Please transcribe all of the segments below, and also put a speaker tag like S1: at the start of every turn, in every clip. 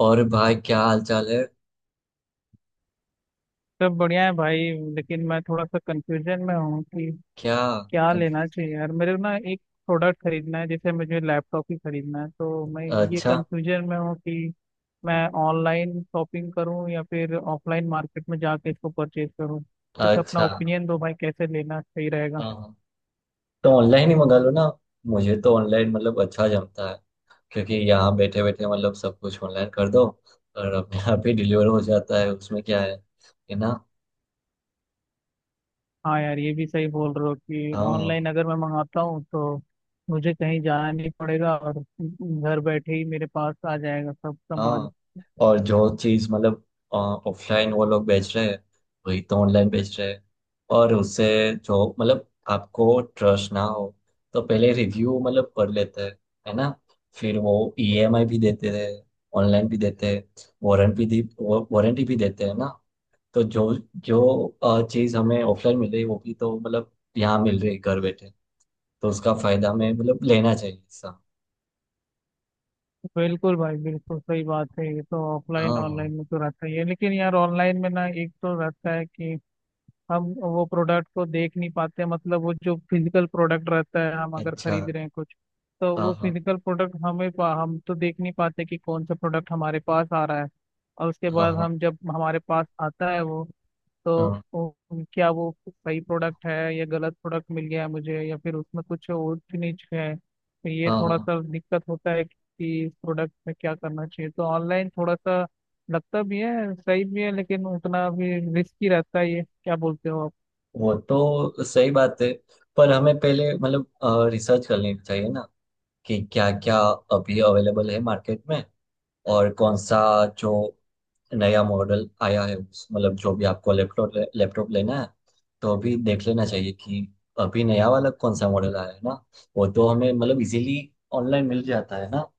S1: और भाई क्या हाल चाल है।
S2: सब बढ़िया है भाई। लेकिन मैं थोड़ा सा कंफ्यूजन में हूँ कि
S1: क्या।
S2: क्या लेना
S1: कंफ्यूज।
S2: चाहिए यार, मेरे को ना एक प्रोडक्ट खरीदना है। जैसे मुझे लैपटॉप ही खरीदना है तो मैं ये
S1: अच्छा।
S2: कंफ्यूजन में हूँ कि मैं ऑनलाइन शॉपिंग करूँ या फिर ऑफलाइन मार्केट में जाके इसको परचेज करूँ। कुछ अपना
S1: अच्छा।
S2: ओपिनियन दो भाई, कैसे लेना सही रहेगा।
S1: हाँ हाँ। तो ऑनलाइन ही मंगा लो ना। मुझे तो ऑनलाइन मतलब अच्छा जमता है। क्योंकि यहाँ बैठे बैठे मतलब सब कुछ ऑनलाइन कर दो। और अपने आप ही डिलीवर हो जाता है उसमें क्या है ना।
S2: हाँ यार, ये भी सही बोल रहे हो कि
S1: हाँ
S2: ऑनलाइन अगर मैं मंगाता हूँ तो मुझे कहीं जाना नहीं पड़ेगा और घर बैठे ही मेरे पास आ जाएगा सब सामान।
S1: हाँ। और जो चीज मतलब ऑफलाइन वो लोग बेच रहे हैं। वही तो ऑनलाइन बेच रहे हैं। और उससे जो मतलब आपको ट्रस्ट ना हो तो पहले रिव्यू मतलब पढ़ लेते हैं। है ना। फिर वो ईएमआई भी देते हैं। ऑनलाइन भी देते हैं। वारंटी भी दी वारंटी भी देते हैं ना। तो जो जो चीज हमें ऑफलाइन मिल रही है, वो भी तो मतलब यहाँ मिल रही है घर बैठे। तो उसका फायदा हमें मतलब लेना चाहिए सब।
S2: बिल्कुल भाई, बिल्कुल सही बात है। ये तो ऑफलाइन
S1: हाँ।
S2: ऑनलाइन में तो रहता ही है लेकिन यार, ऑनलाइन में ना एक तो रहता है कि हम वो प्रोडक्ट को देख नहीं पाते, मतलब वो जो फिजिकल प्रोडक्ट रहता है हम अगर
S1: अच्छा।
S2: खरीद रहे हैं कुछ तो
S1: हाँ।
S2: वो
S1: हाँ
S2: फिजिकल प्रोडक्ट हमें हम तो देख नहीं पाते कि कौन सा प्रोडक्ट हमारे पास आ रहा है। और उसके
S1: हाँ
S2: बाद
S1: हाँ।
S2: हम जब हमारे पास आता है वो, तो
S1: हाँ।
S2: क्या वो सही प्रोडक्ट है या गलत प्रोडक्ट मिल गया है मुझे या फिर उसमें कुछ ऊंच नीच है, तो ये
S1: हाँ
S2: थोड़ा
S1: हाँ,
S2: सा दिक्कत होता है कि इस प्रोडक्ट में क्या करना चाहिए। तो ऑनलाइन थोड़ा सा लगता भी है, सही भी है, लेकिन उतना भी रिस्की रहता है। ये क्या बोलते हो आप?
S1: वो तो सही बात है। पर हमें पहले मतलब रिसर्च कर लेनी चाहिए ना कि क्या क्या अभी अवेलेबल है मार्केट में। और कौन सा जो नया मॉडल आया है मतलब जो भी आपको लैपटॉप लैपटॉप लेना है। तो अभी देख लेना चाहिए कि अभी नया वाला कौन सा मॉडल आया है ना। वो तो हमें मतलब इजीली ऑनलाइन मिल जाता है ना।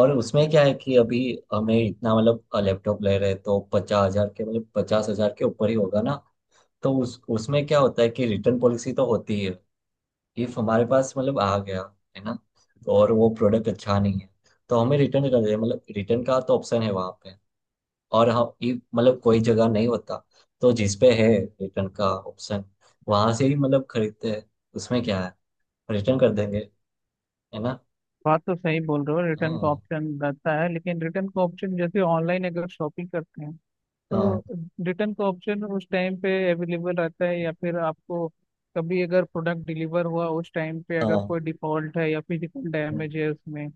S1: और उसमें क्या है कि अभी हमें इतना मतलब लैपटॉप ले रहे हैं तो 50,000 के मतलब 50,000 के ऊपर ही होगा ना। तो उस उसमें क्या होता है कि रिटर्न पॉलिसी तो होती है। इफ हमारे पास मतलब आ गया। है ना। और वो प्रोडक्ट अच्छा नहीं है। तो हमें रिटर्न कर दे मतलब रिटर्न का तो ऑप्शन है वहां पे। और हम if मतलब कोई जगह नहीं होता तो जिस पे है रिटर्न का ऑप्शन वहां से ही मतलब खरीदते हैं। उसमें क्या है रिटर्न कर देंगे। है ना।
S2: बात तो सही बोल रहे हो, रिटर्न का
S1: हाँ
S2: ऑप्शन रहता है, लेकिन रिटर्न का ऑप्शन जैसे ऑनलाइन अगर शॉपिंग करते हैं
S1: हाँ
S2: तो रिटर्न का ऑप्शन उस टाइम पे अवेलेबल रहता है या फिर आपको कभी अगर प्रोडक्ट डिलीवर हुआ उस टाइम पे अगर
S1: हाँ।
S2: कोई डिफॉल्ट है या फिजिकल
S1: हम्म,
S2: डैमेज है उसमें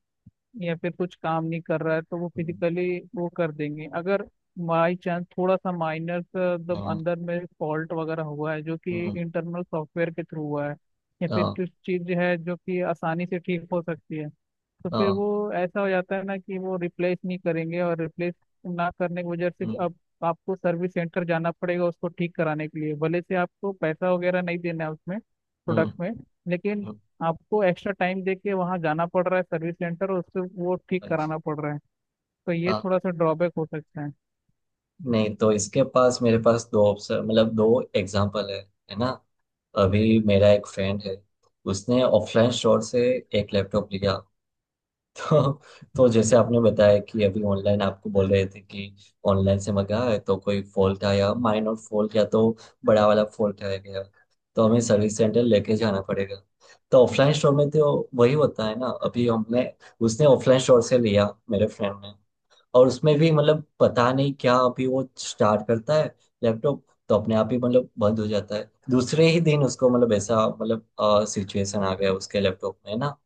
S2: या फिर कुछ काम नहीं कर रहा है, तो वो
S1: हम्म,
S2: फिजिकली वो कर देंगे। अगर बाई चांस थोड़ा सा माइनर मतलब
S1: हम्म,
S2: अंदर में फॉल्ट वगैरह हुआ है जो कि
S1: हम्म।
S2: इंटरनल सॉफ्टवेयर के थ्रू हुआ है या फिर
S1: हाँ
S2: कुछ चीज है जो कि आसानी से ठीक हो सकती है, तो फिर
S1: हाँ।
S2: वो ऐसा हो जाता है ना कि वो रिप्लेस नहीं करेंगे, और रिप्लेस ना करने की वजह से
S1: हम्म,
S2: अब आपको सर्विस सेंटर जाना पड़ेगा उसको ठीक कराने के लिए। भले से आपको पैसा वगैरह नहीं देना है उसमें
S1: हम्म,
S2: प्रोडक्ट में, लेकिन
S1: हम्म।
S2: आपको एक्स्ट्रा टाइम दे के वहाँ जाना पड़ रहा है सर्विस सेंटर और उससे वो ठीक
S1: अच्छा।
S2: कराना पड़ रहा है। तो ये
S1: हाँ।
S2: थोड़ा सा ड्रॉबैक हो सकता है।
S1: नहीं तो इसके पास मेरे पास दो ऑप्शन मतलब दो एग्जांपल है। है ना। अभी मेरा एक फ्रेंड है। उसने ऑफलाइन स्टोर से एक लैपटॉप लिया। तो तो जैसे आपने बताया कि अभी ऑनलाइन आपको बोल रहे थे कि ऑनलाइन से मंगाया है तो कोई फॉल्ट आया माइनर फॉल्ट या तो बड़ा वाला फॉल्ट आ गया। तो हमें सर्विस सेंटर लेके जाना पड़ेगा। तो ऑफलाइन स्टोर में तो वही होता है ना अभी हमने उसने ऑफलाइन स्टोर से लिया मेरे फ्रेंड ने। और उसमें भी मतलब पता नहीं क्या अभी वो स्टार्ट करता है लैपटॉप। तो अपने आप ही मतलब बंद हो जाता है दूसरे ही दिन उसको मतलब ऐसा मतलब सिचुएशन आ गया उसके लैपटॉप में ना।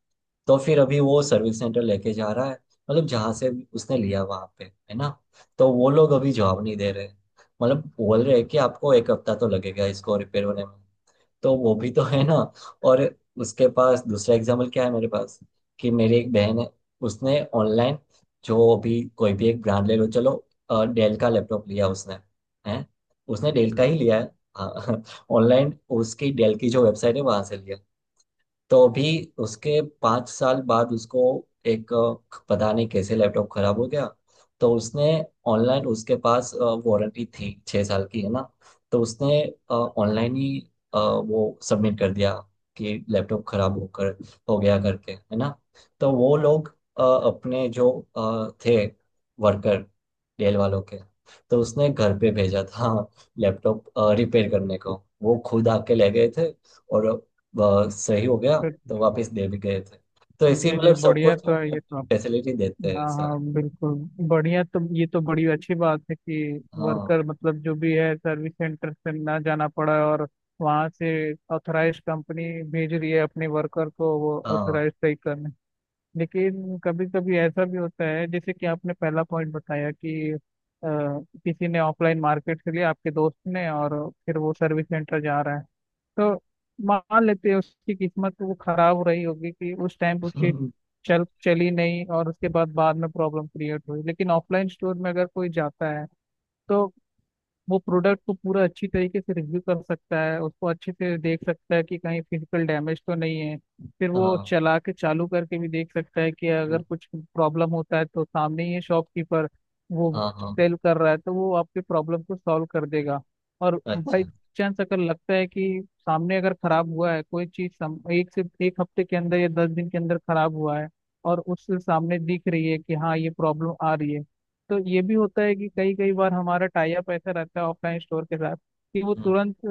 S1: तो फिर अभी वो सर्विस सेंटर लेके जा रहा है मतलब जहाँ से उसने लिया वहां पे है ना। तो वो लोग अभी जवाब नहीं दे रहे मतलब बोल रहे हैं कि आपको एक हफ्ता तो लगेगा इसको रिपेयर होने में। तो वो भी तो है ना। और उसके पास दूसरा एग्जाम्पल क्या है मेरे पास। कि मेरी एक बहन है। उसने ऑनलाइन जो भी कोई भी एक ब्रांड ले लो चलो। डेल का लैपटॉप लिया उसने। हैं। उसने डेल का ही लिया है ऑनलाइन। उसकी डेल की जो वेबसाइट है वहां से लिया। तो अभी उसके 5 साल बाद उसको एक पता नहीं कैसे लैपटॉप खराब हो गया। तो उसने ऑनलाइन उसके पास वारंटी थी 6 साल की है ना। तो उसने ऑनलाइन ही वो सबमिट कर दिया कि लैपटॉप खराब होकर हो गया करके है ना। तो वो लोग अपने जो थे वर्कर डेल वालों के तो उसने घर पे भेजा था लैपटॉप रिपेयर करने को। वो खुद आके ले गए थे और बहुत सही हो गया।
S2: फिर
S1: तो वापस दे भी गए थे। तो ऐसे ही
S2: जी जी,
S1: मतलब सब
S2: बढ़िया
S1: कुछ
S2: तो है
S1: अपने
S2: ये तो।
S1: फैसिलिटी देते हैं
S2: हाँ
S1: ऐसा।
S2: हाँ बिल्कुल। बढ़िया तो, ये तो बड़ी अच्छी बात है कि
S1: हाँ
S2: वर्कर मतलब जो भी है सर्विस सेंटर से ना जाना पड़ा है और वहाँ से ऑथराइज कंपनी भेज रही है अपने वर्कर को वो
S1: हाँ।
S2: ऑथराइज सही करने। लेकिन कभी कभी ऐसा भी होता है जैसे कि आपने पहला पॉइंट बताया कि किसी ने ऑफलाइन मार्केट के लिए आपके दोस्त ने और फिर वो सर्विस सेंटर जा रहा है। तो मान लेते हैं उसकी किस्मत तो वो खराब रही होगी कि उस टाइम पे उसकी चल चली नहीं, और उसके बाद बाद में प्रॉब्लम क्रिएट हुई, लेकिन ऑफलाइन स्टोर में अगर कोई जाता है तो वो प्रोडक्ट को पूरा अच्छी तरीके से रिव्यू कर सकता है, उसको अच्छे से देख सकता है कि कहीं फिजिकल डैमेज तो नहीं है। फिर वो
S1: हाँ
S2: चला के चालू करके भी देख सकता है कि अगर कुछ प्रॉब्लम होता है तो सामने ही है शॉपकीपर, वो
S1: हाँ हाँ।
S2: सेल कर रहा है तो वो आपके प्रॉब्लम को सॉल्व कर देगा। और बाई
S1: अच्छा।
S2: चांस अगर लगता है कि सामने अगर खराब हुआ है कोई चीज, एक से 1 हफ्ते के अंदर या 10 दिन के अंदर खराब हुआ है, और उससे सामने दिख रही है कि हाँ ये प्रॉब्लम आ रही है, तो ये भी होता है कि कई कई बार हमारा टाई अप ऐसा रहता है ऑफलाइन स्टोर के साथ कि वो
S1: हम्म,
S2: तुरंत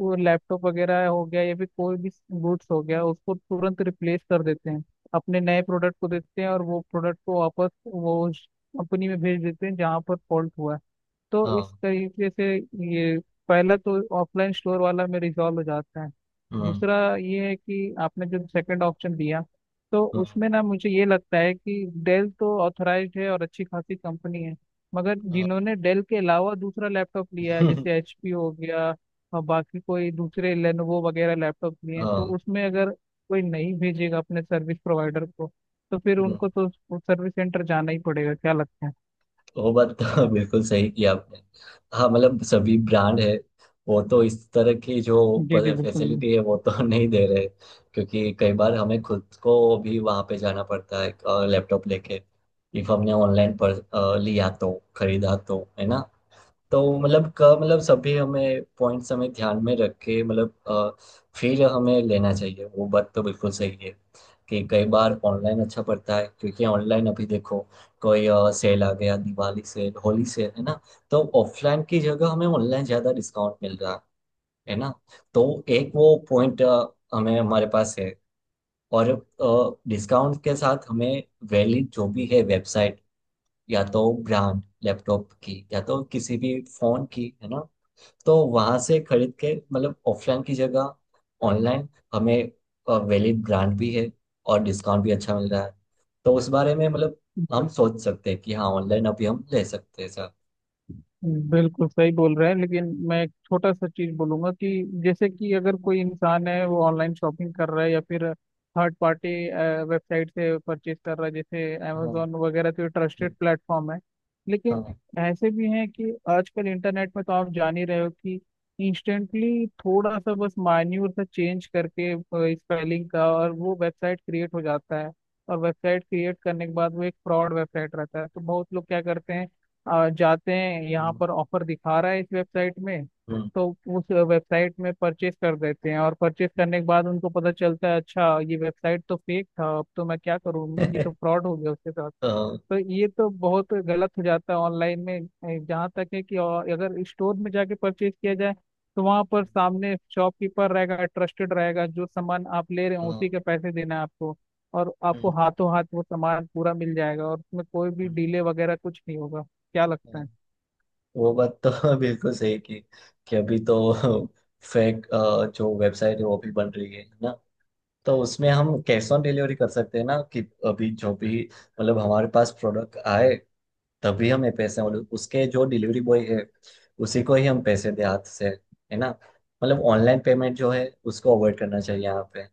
S2: वो लैपटॉप वगैरह हो गया या फिर कोई भी गुड्स हो गया, उसको तुरंत रिप्लेस कर देते हैं, अपने नए प्रोडक्ट को देते हैं और वो प्रोडक्ट को वापस वो कंपनी में भेज देते हैं जहाँ पर फॉल्ट हुआ है। तो
S1: हाँ।
S2: इस तरीके से ये, पहला तो ऑफलाइन स्टोर वाला में रिजॉल्व हो जाता है।
S1: हम्म,
S2: दूसरा ये है कि आपने जो सेकंड ऑप्शन दिया, तो
S1: हम्म,
S2: उसमें ना मुझे ये लगता है कि डेल तो ऑथराइज्ड है और अच्छी खासी कंपनी है, मगर
S1: हाँ।
S2: जिन्होंने डेल के अलावा दूसरा लैपटॉप लिया है, जैसे एचपी हो गया और बाकी कोई दूसरे लेनोवो वगैरह लैपटॉप लिए हैं, तो
S1: हाँ,
S2: उसमें अगर कोई नहीं भेजेगा अपने सर्विस प्रोवाइडर को, तो फिर
S1: हम्म।
S2: उनको तो सर्विस सेंटर जाना ही पड़ेगा। क्या लगता है?
S1: वो बात तो बिल्कुल सही किया आपने। हाँ मतलब सभी ब्रांड है। वो तो इस तरह की जो
S2: जी जी बिल्कुल,
S1: फैसिलिटी है वो तो नहीं दे रहे। क्योंकि कई बार हमें खुद को भी वहाँ पे जाना पड़ता है लैपटॉप लेके। इफ हमने ऑनलाइन पर लिया तो खरीदा तो है ना। तो मतलब क मतलब सभी हमें पॉइंट्स हमें ध्यान में रख के मतलब फिर हमें लेना चाहिए वो बात तो बिल्कुल सही है। कि कई बार ऑनलाइन अच्छा पड़ता है क्योंकि ऑनलाइन अभी देखो कोई सेल आ गया दिवाली सेल होली सेल है ना। तो ऑफलाइन की जगह हमें ऑनलाइन ज्यादा डिस्काउंट मिल रहा है। है ना। तो एक वो पॉइंट हमें हमारे पास है। और डिस्काउंट के साथ हमें वैलिड जो भी है वेबसाइट या तो ब्रांड लैपटॉप की या तो किसी भी फोन की है ना। तो वहां से खरीद के मतलब ऑफलाइन की जगह ऑनलाइन हमें वैलिड ब्रांड भी है और डिस्काउंट भी अच्छा मिल रहा है। तो उस बारे में मतलब हम सोच सकते हैं कि हाँ ऑनलाइन अभी हम ले सकते हैं सर।
S2: बिल्कुल सही बोल रहे हैं। लेकिन मैं एक छोटा सा चीज बोलूंगा कि जैसे कि अगर कोई इंसान है वो ऑनलाइन शॉपिंग कर रहा है या फिर थर्ड पार्टी वेबसाइट से परचेज कर रहा है, जैसे
S1: हाँ।
S2: अमेजोन वगैरह तो
S1: हम्म,
S2: ट्रस्टेड प्लेटफॉर्म है, लेकिन
S1: हाँ।
S2: ऐसे भी हैं कि आजकल इंटरनेट में तो आप जान ही रहे हो कि इंस्टेंटली थोड़ा सा बस मान्यूर सा चेंज करके, स्पेलिंग का, और वो वेबसाइट क्रिएट हो जाता है। और वेबसाइट क्रिएट करने के बाद वो एक फ्रॉड वेबसाइट रहता है, तो बहुत लोग क्या करते हैं, जाते हैं यहाँ
S1: हम्म,
S2: पर, ऑफर दिखा रहा है इस वेबसाइट में,
S1: हम्म।
S2: तो उस वेबसाइट में परचेस कर देते हैं, और परचेस करने के बाद उनको पता चलता है अच्छा ये वेबसाइट तो फेक था, अब तो मैं क्या करूँ, ये तो फ्रॉड हो गया उसके साथ।
S1: हाँ,
S2: तो ये तो बहुत गलत हो जाता है ऑनलाइन में। जहाँ तक है कि, और अगर स्टोर में जाके परचेज किया जाए तो वहाँ पर सामने शॉपकीपर रहेगा, ट्रस्टेड रहेगा, जो सामान आप ले रहे हो
S1: हाँ,
S2: उसी के पैसे देना है आपको, और आपको
S1: हम्म,
S2: हाथों हाथ वो सामान पूरा मिल जाएगा और उसमें कोई भी
S1: हम्म।
S2: डिले वगैरह कुछ नहीं होगा। क्या लगता है?
S1: वो बात तो बिल्कुल सही की। कि अभी तो फेक जो वेबसाइट है वो भी बन रही है ना। तो उसमें हम कैश ऑन डिलीवरी कर सकते हैं ना कि अभी जो भी मतलब हमारे पास प्रोडक्ट आए तभी हमें पैसे मतलब उसके जो डिलीवरी बॉय है उसी को ही हम पैसे दे हाथ से। है ना। मतलब ऑनलाइन पेमेंट जो है उसको अवॉइड करना चाहिए यहाँ पे।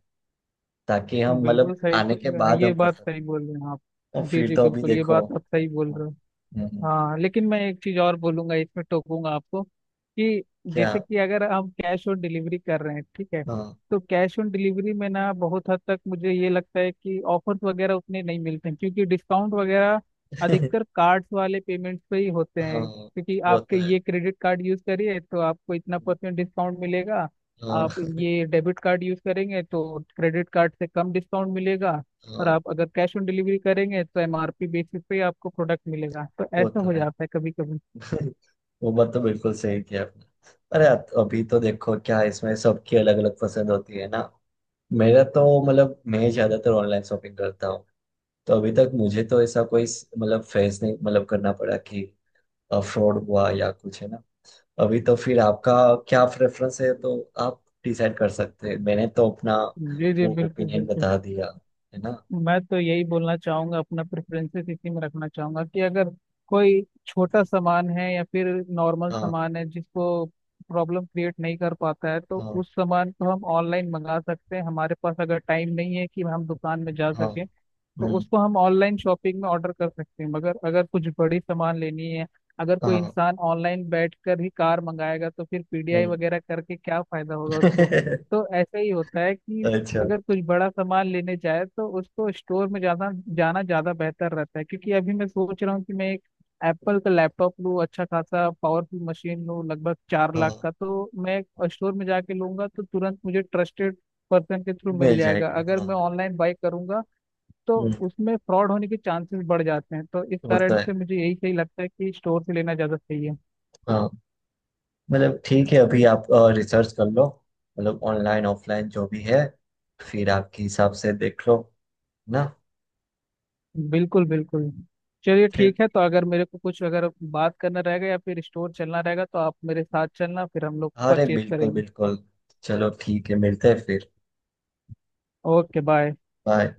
S1: ताकि हम मतलब
S2: बिल्कुल सही
S1: आने के
S2: तो। हाँ,
S1: बाद
S2: ये
S1: हम कर
S2: बात
S1: सकते
S2: सही बोल रहे हैं आप।
S1: हैं। और
S2: जी
S1: फिर
S2: जी
S1: तो अभी
S2: बिल्कुल, ये
S1: देखो।
S2: बात आप सही बोल रहे हो।
S1: हम्म, हम्म।
S2: हाँ लेकिन मैं एक चीज और बोलूंगा, इसमें टोकूंगा आपको कि
S1: क्या।
S2: जैसे कि अगर हम कैश ऑन डिलीवरी कर रहे हैं, ठीक है,
S1: हाँ।
S2: तो कैश ऑन डिलीवरी में ना बहुत हद तक मुझे ये लगता है कि ऑफर्स वगैरह उतने नहीं मिलते हैं, क्योंकि डिस्काउंट वगैरह अधिकतर कार्ड्स वाले पेमेंट्स पे ही होते हैं।
S1: हाँ।
S2: क्योंकि
S1: वो
S2: आपके
S1: तो है।
S2: ये क्रेडिट कार्ड यूज करिए तो आपको इतना परसेंट डिस्काउंट मिलेगा, आप
S1: हाँ
S2: ये डेबिट कार्ड यूज करेंगे तो क्रेडिट कार्ड से कम डिस्काउंट मिलेगा, और
S1: हाँ।
S2: आप अगर कैश ऑन डिलीवरी करेंगे तो एमआरपी बेसिस पे ही आपको प्रोडक्ट मिलेगा। तो
S1: वो
S2: ऐसा
S1: तो
S2: हो
S1: है।
S2: जाता है कभी कभी।
S1: वो बात तो बिल्कुल सही किया आपने। अरे अभी तो देखो क्या है, इसमें सबकी अलग अलग पसंद होती है ना। मेरा तो मतलब मैं ज्यादातर ऑनलाइन शॉपिंग करता हूँ। तो अभी तक मुझे तो ऐसा कोई मतलब फेस नहीं मतलब करना पड़ा कि फ्रॉड हुआ या कुछ है ना। अभी तो फिर आपका क्या प्रेफरेंस है तो आप डिसाइड कर सकते हैं मैंने तो अपना
S2: जी जी
S1: वो
S2: बिल्कुल
S1: ओपिनियन
S2: बिल्कुल।
S1: बता दिया। है ना।
S2: मैं तो यही बोलना चाहूंगा, अपना प्रेफरेंसेस इसी में रखना चाहूंगा कि अगर कोई छोटा सामान है या फिर नॉर्मल
S1: हाँ
S2: सामान है जिसको प्रॉब्लम क्रिएट नहीं कर पाता है, तो
S1: हाँ
S2: उस सामान को हम ऑनलाइन मंगा सकते हैं, हमारे पास अगर टाइम नहीं है कि हम दुकान में जा
S1: हाँ।
S2: सकें, तो
S1: हम्म।
S2: उसको हम ऑनलाइन शॉपिंग में ऑर्डर कर सकते हैं। मगर अगर कुछ बड़ी सामान लेनी है, अगर कोई
S1: हाँ।
S2: इंसान ऑनलाइन बैठकर ही कार मंगाएगा तो फिर पीडीआई
S1: हम्म।
S2: वगैरह करके क्या फायदा होगा उसको। तो ऐसा ही होता है कि
S1: अच्छा।
S2: अगर कुछ बड़ा सामान लेने जाए तो उसको स्टोर में जाना जाना ज्यादा बेहतर रहता है, क्योंकि अभी मैं सोच रहा हूँ कि मैं एक एप्पल का लैपटॉप लूँ, अच्छा खासा पावरफुल मशीन लूँ, लगभग 4 लाख
S1: हाँ।
S2: का, तो मैं स्टोर में जाके लूंगा तो तुरंत मुझे ट्रस्टेड पर्सन के थ्रू मिल
S1: मिल
S2: जाएगा।
S1: जाएगा।
S2: अगर
S1: हाँ।
S2: मैं ऑनलाइन बाई करूंगा तो
S1: हम्म।
S2: उसमें फ्रॉड होने के चांसेस बढ़ जाते हैं, तो इस
S1: वो तो
S2: कारण
S1: है।
S2: से मुझे यही सही लगता है कि स्टोर से लेना ज़्यादा सही है।
S1: हाँ मतलब ठीक है अभी आप रिसर्च कर लो मतलब ऑनलाइन ऑफलाइन जो भी है फिर आपके हिसाब से देख लो ना।
S2: बिल्कुल बिल्कुल। चलिए
S1: फिर।
S2: ठीक है, तो अगर मेरे को कुछ अगर बात करना रहेगा या फिर स्टोर चलना रहेगा तो आप मेरे साथ चलना, फिर हम लोग
S1: अरे
S2: परचेज
S1: बिल्कुल
S2: करेंगे।
S1: बिल्कुल। चलो ठीक है मिलते हैं फिर।
S2: Okay bye.
S1: बाय।